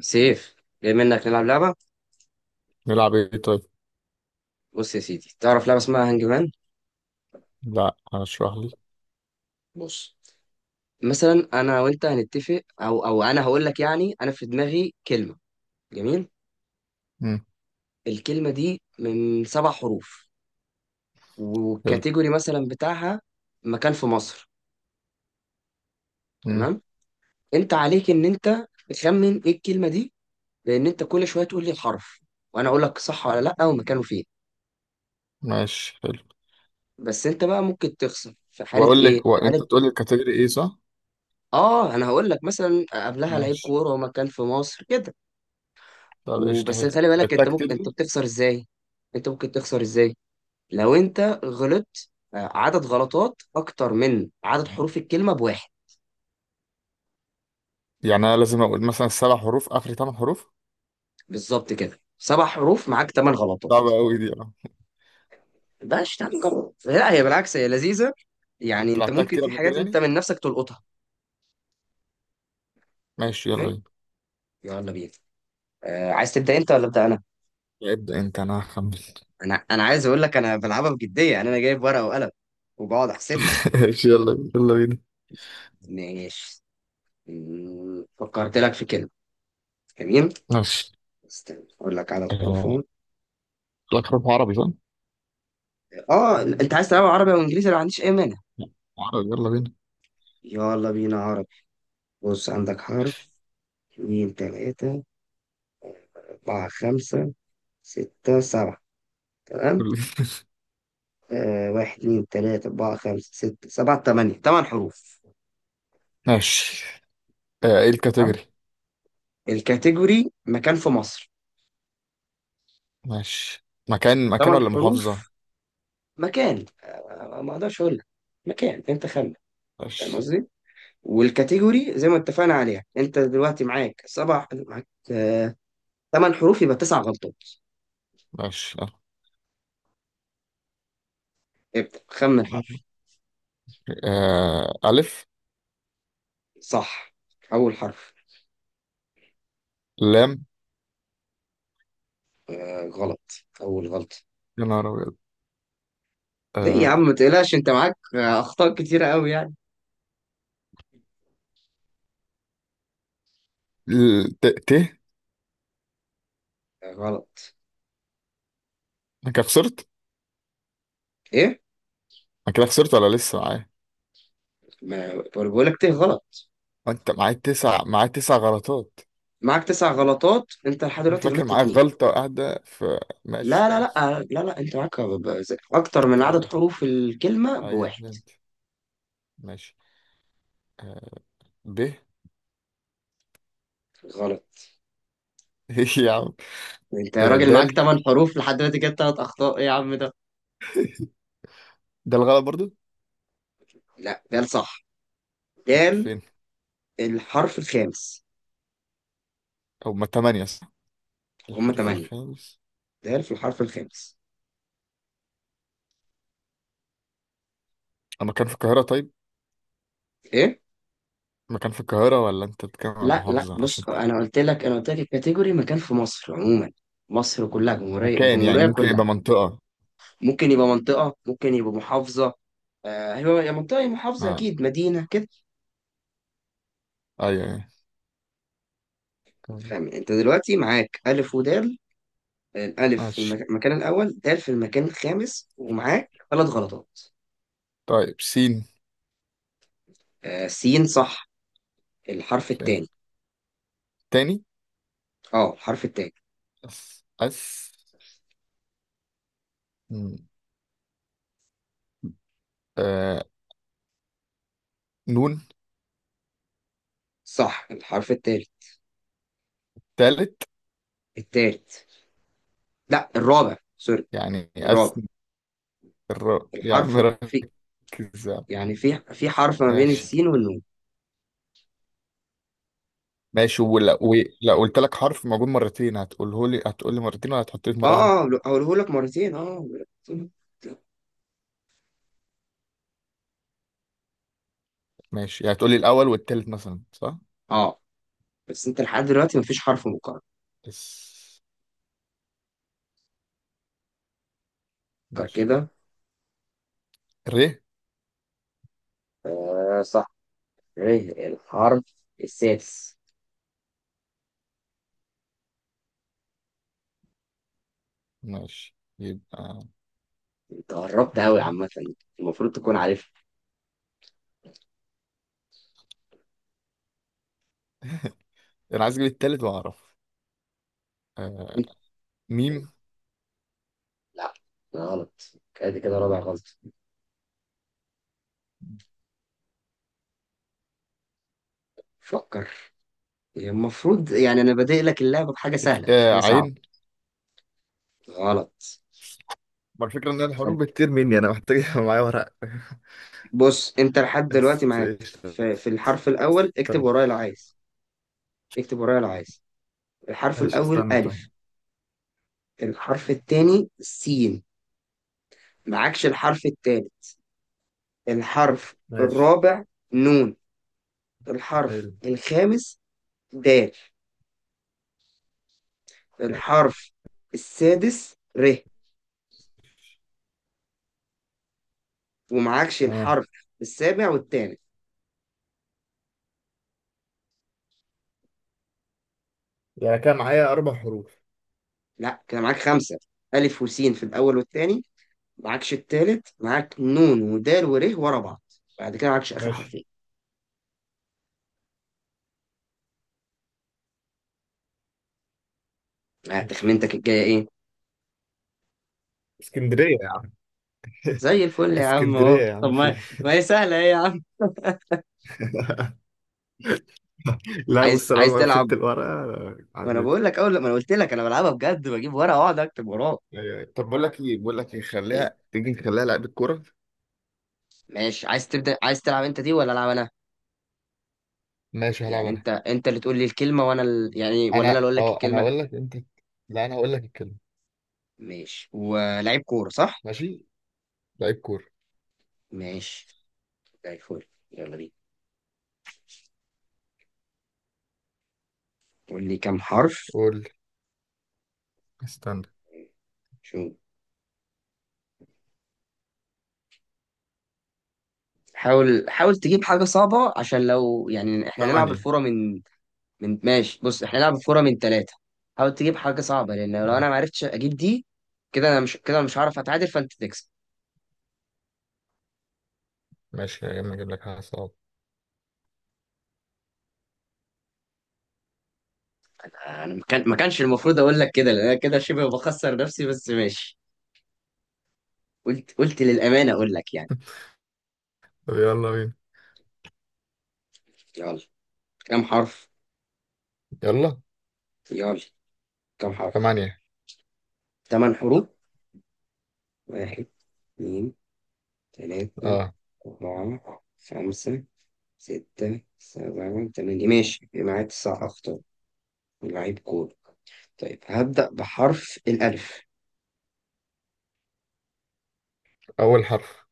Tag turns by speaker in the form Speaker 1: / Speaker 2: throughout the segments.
Speaker 1: سيف، جاي منك نلعب لعبة.
Speaker 2: نلعب ايه طيب؟
Speaker 1: بص يا سيدي، تعرف لعبة اسمها هانج مان؟
Speaker 2: لا، هشرح لي.
Speaker 1: بص، مثلا انا وانت هنتفق، او انا هقول لك، يعني انا في دماغي كلمة. جميل.
Speaker 2: امم.
Speaker 1: الكلمة دي من 7 حروف،
Speaker 2: حلو.
Speaker 1: والكاتيجوري مثلا بتاعها مكان في مصر.
Speaker 2: امم.
Speaker 1: تمام. انت عليك ان انت تخمن ايه الكلمة دي، لان انت كل شوية تقول لي الحرف وانا اقول لك صح ولا لا ومكانه فين.
Speaker 2: ماشي، حلو.
Speaker 1: بس انت بقى ممكن تخسر في حالة،
Speaker 2: واقول
Speaker 1: ايه
Speaker 2: لك وانت
Speaker 1: حالة؟
Speaker 2: تقول لي الكاتيجوري ايه، صح؟
Speaker 1: اه، انا هقول لك مثلا قبلها لعيب
Speaker 2: ماشي،
Speaker 1: كورة ومكان في مصر كده.
Speaker 2: طب قشطه،
Speaker 1: وبس
Speaker 2: حلو.
Speaker 1: خلي بالك،
Speaker 2: لعبتها كتير
Speaker 1: انت
Speaker 2: دي.
Speaker 1: بتخسر ازاي؟ انت ممكن تخسر ازاي؟ لو انت غلطت، عدد غلطات اكتر من عدد حروف الكلمه بواحد.
Speaker 2: يعني انا لازم اقول مثلا 7 حروف اخر 8 حروف؟
Speaker 1: بالظبط كده، 7 حروف معاك 8 غلطات.
Speaker 2: صعبه قوي دي، اه.
Speaker 1: ده شتنجر، لا، هي بالعكس، هي لذيذه. يعني
Speaker 2: انت
Speaker 1: انت
Speaker 2: لعبتها
Speaker 1: ممكن،
Speaker 2: كتير
Speaker 1: في
Speaker 2: قبل
Speaker 1: حاجات
Speaker 2: كده
Speaker 1: انت
Speaker 2: يعني؟
Speaker 1: من نفسك تلقطها.
Speaker 2: ماشي، يلا
Speaker 1: تمام،
Speaker 2: بينا.
Speaker 1: يلا بينا. عايز تبدا انت ولا ابدا انا؟
Speaker 2: ابدا انت، انا هخمن.
Speaker 1: انا عايز اقول لك، انا بلعبها بجديه، يعني انا جايب ورقه وقلم وبقعد احسب لك.
Speaker 2: ماشي، يلا بينا، يلا بينا.
Speaker 1: ماشي. فكرت لك في كلمه. جميل.
Speaker 2: ماشي.
Speaker 1: استنى اقول لك على
Speaker 2: آه،
Speaker 1: الحروفهم.
Speaker 2: لك حروف عربي، صح؟
Speaker 1: اه، انت عايز تلعب عربي او انجليزي؟ انا ما عنديش اي مانع.
Speaker 2: عربي، يلا بينا.
Speaker 1: يلا بينا عربي. بص، عندك حرف، اتنين، تلاتة، أربعة، خمسة، ستة، سبعة. تمام.
Speaker 2: كل.
Speaker 1: واحد، اتنين، تلاتة، أربعة، خمسة، ستة، سبعة، تمانية. 8 حروف.
Speaker 2: ماشي. آه، ايه
Speaker 1: تمام.
Speaker 2: الكاتيجوري؟
Speaker 1: الكاتيجوري مكان في مصر.
Speaker 2: ماشي، مكان، مكان
Speaker 1: تمن
Speaker 2: ولا محافظة؟
Speaker 1: حروف مكان، ما اقدرش اقول لك مكان، انت خمن. فاهم
Speaker 2: ماشي.
Speaker 1: قصدي؟ والكاتيجوري زي ما اتفقنا عليها. انت دلوقتي معاك سبع معاك آه 8 حروف يبقى 9 غلطات.
Speaker 2: ماشي.
Speaker 1: ابدأ خمن حرف.
Speaker 2: آه، ألف.
Speaker 1: صح. أول حرف.
Speaker 2: لام.
Speaker 1: آه غلط. أول غلط.
Speaker 2: يا نهار أبيض.
Speaker 1: ليه يا عم،
Speaker 2: آه.
Speaker 1: ما تقلقش. أنت معاك أخطاء كتيرة أوي يعني.
Speaker 2: ت ت.
Speaker 1: آه، غلط.
Speaker 2: أنا كده خسرت؟
Speaker 1: إيه؟
Speaker 2: أنا كده خسرت ولا لسه معايا؟
Speaker 1: ما بقول لك تيه غلط.
Speaker 2: أنت معايا تسع، معايا 9 غلطات؟
Speaker 1: معاك 9 غلطات. أنت لحد
Speaker 2: أنا
Speaker 1: دلوقتي
Speaker 2: فاكر
Speaker 1: غلطت
Speaker 2: معايا
Speaker 1: اتنين.
Speaker 2: غلطة قاعدة في. ماشي،
Speaker 1: لا لا
Speaker 2: خلاص.
Speaker 1: لا لا لا، أنت معاك أكتر من
Speaker 2: كنت
Speaker 1: عدد
Speaker 2: غلط.
Speaker 1: حروف الكلمة
Speaker 2: أيوه،
Speaker 1: بواحد.
Speaker 2: فهمت. ماشي. آه. ب.
Speaker 1: غلط.
Speaker 2: إيه يا عم؟
Speaker 1: أنت يا
Speaker 2: آه،
Speaker 1: راجل معاك
Speaker 2: دال.
Speaker 1: 8 حروف لحد دلوقتي جبت 3 أخطاء إيه يا عم ده؟
Speaker 2: دال غلط برضو؟
Speaker 1: لا ده صح. ده
Speaker 2: فين؟
Speaker 1: الحرف الخامس.
Speaker 2: أو ما 8 صح؟
Speaker 1: هما
Speaker 2: الحرف
Speaker 1: تمانية،
Speaker 2: الخامس؟
Speaker 1: ده في الحرف الخامس.
Speaker 2: أنا كان في القاهرة طيب؟
Speaker 1: إيه؟
Speaker 2: مكان في القاهرة ولا أنت بتتكلم عن
Speaker 1: لا لا،
Speaker 2: محافظة، عشان.
Speaker 1: بص، انا قلت لك الكاتيجوري مكان في مصر عموما. مصر كلها جمهوريه،
Speaker 2: مكان، يعني
Speaker 1: الجمهوريه
Speaker 2: ممكن
Speaker 1: كلها.
Speaker 2: يبقى منطقة؟
Speaker 1: ممكن يبقى منطقه، ممكن يبقى محافظه. آه، هو يا منطقه يا محافظه،
Speaker 2: آه.
Speaker 1: اكيد مدينه كده.
Speaker 2: أيوه. أيوه.
Speaker 1: فاهم؟ انت دلوقتي معاك الف ودال. الالف في
Speaker 2: ماشي.
Speaker 1: المكان الاول، دال في المكان الخامس، ومعاك 3 غلطات.
Speaker 2: طيب، سين.
Speaker 1: آه سين صح. الحرف
Speaker 2: فين؟
Speaker 1: الثاني.
Speaker 2: تاني؟
Speaker 1: اه الحرف الثاني.
Speaker 2: اس اس. م، آه، نون.
Speaker 1: صح الحرف الثالث.
Speaker 2: تالت؟
Speaker 1: الثالث، لا، الرابع، سوري.
Speaker 2: يعني اس.
Speaker 1: الرابع.
Speaker 2: يا عم
Speaker 1: الحرف في،
Speaker 2: ركز. يا عم.
Speaker 1: يعني في حرف ما بين
Speaker 2: ماشي.
Speaker 1: السين والنون.
Speaker 2: ماشي ولا لا، قلت لك حرف موجود مرتين، هتقوله لي، هتقول لي مرتين ولا هتحط لي في مره واحده؟
Speaker 1: اه اه، هقوله لك مرتين، اه هقوله لك مرتين.
Speaker 2: ماشي، يعني هتقول لي الاول والتالت مثلا، صح؟
Speaker 1: اه. بس انت لحد دلوقتي مفيش حرف مكرر.
Speaker 2: اس.
Speaker 1: فكر
Speaker 2: ماشي.
Speaker 1: كده.
Speaker 2: ر.
Speaker 1: آه صح. ايه الحرف السادس؟
Speaker 2: ماشي، يبقى.
Speaker 1: انت قربت قوي
Speaker 2: نون.
Speaker 1: عامة. المفروض تكون عارفها.
Speaker 2: انا عايز اجيب التالت واعرف. آه، ميم.
Speaker 1: لا، غلط. ادي كده رابع غلط. فكر. يعني المفروض، يعني انا بادئ لك اللعبة بحاجة سهلة مش
Speaker 2: آه،
Speaker 1: حاجة صعبة.
Speaker 2: عين.
Speaker 1: غلط.
Speaker 2: ما الفكرة إن أنا الحروف بكتير مني، أنا محتاج يبقى معايا ورق.
Speaker 1: بص، انت لحد دلوقتي
Speaker 2: بس
Speaker 1: معاك
Speaker 2: قشطة.
Speaker 1: في الحرف الاول. اكتب
Speaker 2: استنى.
Speaker 1: ورايا لو عايز. اكتب ورايا لو عايز. الحرف
Speaker 2: ماشي،
Speaker 1: الاول
Speaker 2: استنى طيب.
Speaker 1: الف. الحرف التاني سين. معكش الحرف التالت. الحرف
Speaker 2: ماشي،
Speaker 1: الرابع نون. الحرف
Speaker 2: حلو،
Speaker 1: الخامس دال. الحرف السادس ر. ومعكش
Speaker 2: اه.
Speaker 1: الحرف السابع والثامن.
Speaker 2: يعني كان معايا 4 حروف؟
Speaker 1: لا، كده معاك خمسة. ألف وسين في الأول والتاني. معكش التالت. معاك نون ودال ورا بعض. بعد كده معكش آخر
Speaker 2: ماشي.
Speaker 1: حرفين.
Speaker 2: ماشي.
Speaker 1: تخمينتك الجاية إيه؟
Speaker 2: اسكندرية يا عم.
Speaker 1: زي الفل يا عم
Speaker 2: اسكندرية
Speaker 1: أهو.
Speaker 2: يا
Speaker 1: طب
Speaker 2: عم
Speaker 1: ما،
Speaker 2: في.
Speaker 1: ما هي سهلة، إيه يا عم؟
Speaker 2: لا
Speaker 1: عايز
Speaker 2: بص، لو
Speaker 1: عايز
Speaker 2: ما
Speaker 1: تلعب؟
Speaker 2: مسكت الورقة
Speaker 1: ما انا
Speaker 2: عديت.
Speaker 1: بقول لك، اول لما انا قلت لك انا بلعبها بجد، بجيب ورقه واقعد اكتب وراه.
Speaker 2: أيوة، أيوة. طب بقول لك ايه، بقول لك ايه،
Speaker 1: إيه؟
Speaker 2: خليها تيجي، نخليها لعبة كورة.
Speaker 1: ماشي، عايز تلعب انت دي ولا العب انا؟
Speaker 2: ماشي، هلعب
Speaker 1: يعني
Speaker 2: انا.
Speaker 1: انت اللي تقول لي الكلمه وانا يعني، ولا انا
Speaker 2: انا
Speaker 1: اللي اقول لك
Speaker 2: اه انا
Speaker 1: الكلمه؟
Speaker 2: هقول لك انت. لا، انا هقول لك الكلمة.
Speaker 1: ماشي، ولعيب كوره صح؟
Speaker 2: ماشي. لعيب كورة.
Speaker 1: ماشي، زي الفل، يلا بينا. قول لي كام حرف.
Speaker 2: قول لي. استنى.
Speaker 1: شو، حاول حاول تجيب حاجه صعبه، عشان لو يعني احنا نلعب
Speaker 2: 8.
Speaker 1: الفوره من. ماشي، بص، احنا نلعب الفوره من ثلاثه. حاول تجيب حاجه صعبه، لان لو انا
Speaker 2: اه.
Speaker 1: ما عرفتش اجيب دي، كده انا مش هعرف اتعادل فانت تكسب.
Speaker 2: ماشي، يا اما اجيب لك حاجة صعبة.
Speaker 1: انا ما كانش المفروض اقول لك كده، لان انا كده شبه بخسر نفسي، بس ماشي، قلت للامانه اقول لك يعني.
Speaker 2: طب، يلا بينا.
Speaker 1: يلا، كم حرف؟
Speaker 2: يلا.
Speaker 1: يلا، كم حرف؟
Speaker 2: 8.
Speaker 1: 8 حروف. واحد، اثنين، ثلاثة،
Speaker 2: اه.
Speaker 1: أربعة، خمسة، ستة، سبعة، ثمانية. ماشي، يبقى معايا 9 أخطاء. لعيب كورة. طيب هبدأ بحرف الألف.
Speaker 2: اول حرف.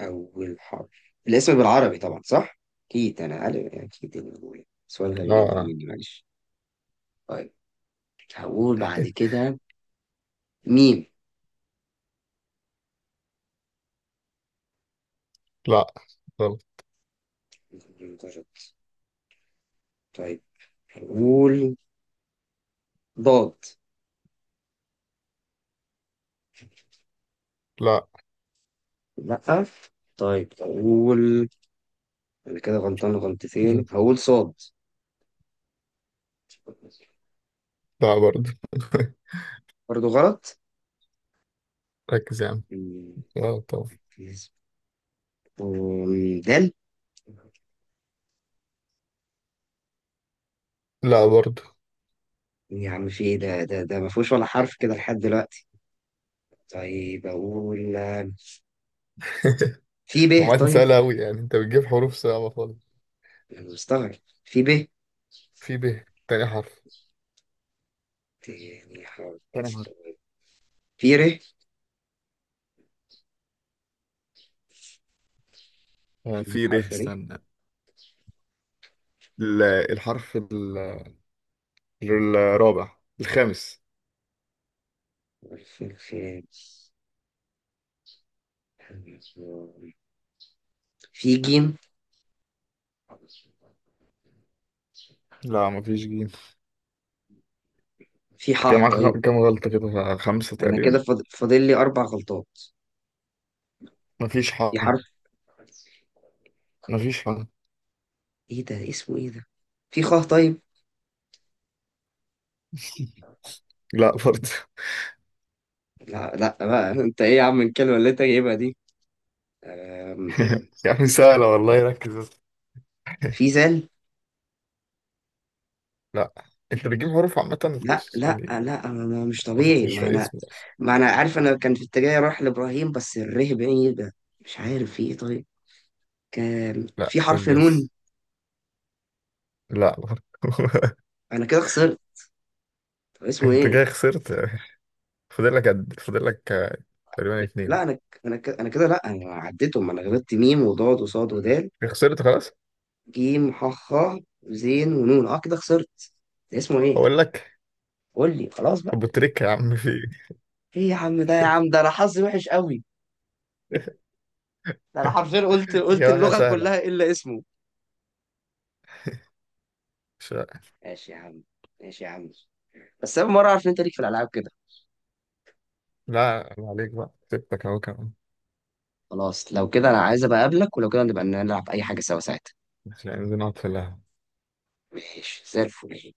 Speaker 1: أول حرف الاسم بالعربي طبعا، صح؟ أكيد أنا عارف، أكيد إني بقول سؤال غبي
Speaker 2: لا.
Speaker 1: جدا
Speaker 2: آه.
Speaker 1: مني، معلش. طيب. هقول بعد كده ميم.
Speaker 2: لا، غلط.
Speaker 1: درجات. طيب أقول ضاد.
Speaker 2: لا.
Speaker 1: لأ. طيب أقول، أنا كده غلطان
Speaker 2: مم.
Speaker 1: غلطتين، هقول صاد.
Speaker 2: لا برضه.
Speaker 1: برضه غلط.
Speaker 2: ركز يا عم.
Speaker 1: مم،
Speaker 2: لا طبعا.
Speaker 1: ركز. دال.
Speaker 2: لا برضه.
Speaker 1: يا عم في إيه؟ ده ما فيهوش ولا حرف كده لحد دلوقتي. طيب أقول في ب
Speaker 2: هو انت
Speaker 1: طيب.
Speaker 2: سهلة أوي يعني؟ انت بتجيب حروف صعبة خالص.
Speaker 1: أنا مستغرب. في ب
Speaker 2: في ب، تاني حرف.
Speaker 1: تاني حرف.
Speaker 2: تاني حرف.
Speaker 1: في ر.
Speaker 2: آه،
Speaker 1: في
Speaker 2: في ب،
Speaker 1: حرف ر.
Speaker 2: استنى. ال- الحرف الرابع، الخامس.
Speaker 1: حرف الخامس. في ج.
Speaker 2: لا، مفيش جيم.
Speaker 1: في ح طيب.
Speaker 2: كام غلطة كده، 5
Speaker 1: انا كده
Speaker 2: تقريبا.
Speaker 1: فاضل لي 4 غلطات.
Speaker 2: مفيش ح.
Speaker 1: في حرف،
Speaker 2: مفيش ح.
Speaker 1: ايه ده، اسمه ايه ده؟ في خ طيب.
Speaker 2: لا برضه.
Speaker 1: لا لا بقى انت ايه يا عم الكلمه اللي انت جايبها دي؟ أم،
Speaker 2: يعني سهلة والله، ركز بس.
Speaker 1: في زل.
Speaker 2: لا، انت بتجيب حروف عامة،
Speaker 1: لا
Speaker 2: بص
Speaker 1: لا
Speaker 2: يعني.
Speaker 1: لا مش
Speaker 2: ما
Speaker 1: طبيعي.
Speaker 2: فكرش
Speaker 1: ما
Speaker 2: في
Speaker 1: انا
Speaker 2: اسمي أصلا.
Speaker 1: ما انا عارف، انا كان في اتجاهي اروح لابراهيم بس الره بعيد ده. مش عارف في ايه طيب. كان
Speaker 2: لا،
Speaker 1: في
Speaker 2: قول
Speaker 1: حرف
Speaker 2: لي
Speaker 1: نون.
Speaker 2: بس. لا، ما فكر-
Speaker 1: انا كده خسرت. طب اسمه
Speaker 2: انت
Speaker 1: ايه؟
Speaker 2: جاي خسرت. فاضل لك قد، فاضل لك آه، تقريبا
Speaker 1: لا،
Speaker 2: 2.
Speaker 1: انا ك- انا ك- انا كده لا انا عديتهم. انا غلطت ميم وضاد وصاد ودال،
Speaker 2: خسرت خلاص.
Speaker 1: جيم، ح، خ، زين ونون. اه كده خسرت. اسمه ايه؟
Speaker 2: هقول لك.
Speaker 1: قول لي خلاص بقى.
Speaker 2: ابو تريكة يا عم، في.
Speaker 1: ايه يا عم ده، يا عم ده انا حظي وحش قوي.
Speaker 2: إيه؟
Speaker 1: ده انا حرفيا قلت
Speaker 2: يا حاجة
Speaker 1: اللغه
Speaker 2: سهلة.
Speaker 1: كلها الا اسمه.
Speaker 2: مش.
Speaker 1: ماشي يا عم، ماشي يا عم. بس اول مره اعرف ان انت ليك في الالعاب كده.
Speaker 2: لا، ما عليك، بقى سبتك اهو كمان.
Speaker 1: خلاص لو كده، انا عايز ابقى اقابلك، ولو كده نبقى نلعب اي حاجه سوا ساعتها.
Speaker 2: عشان نقعد في القهوة.
Speaker 1: ماشي زي الفل.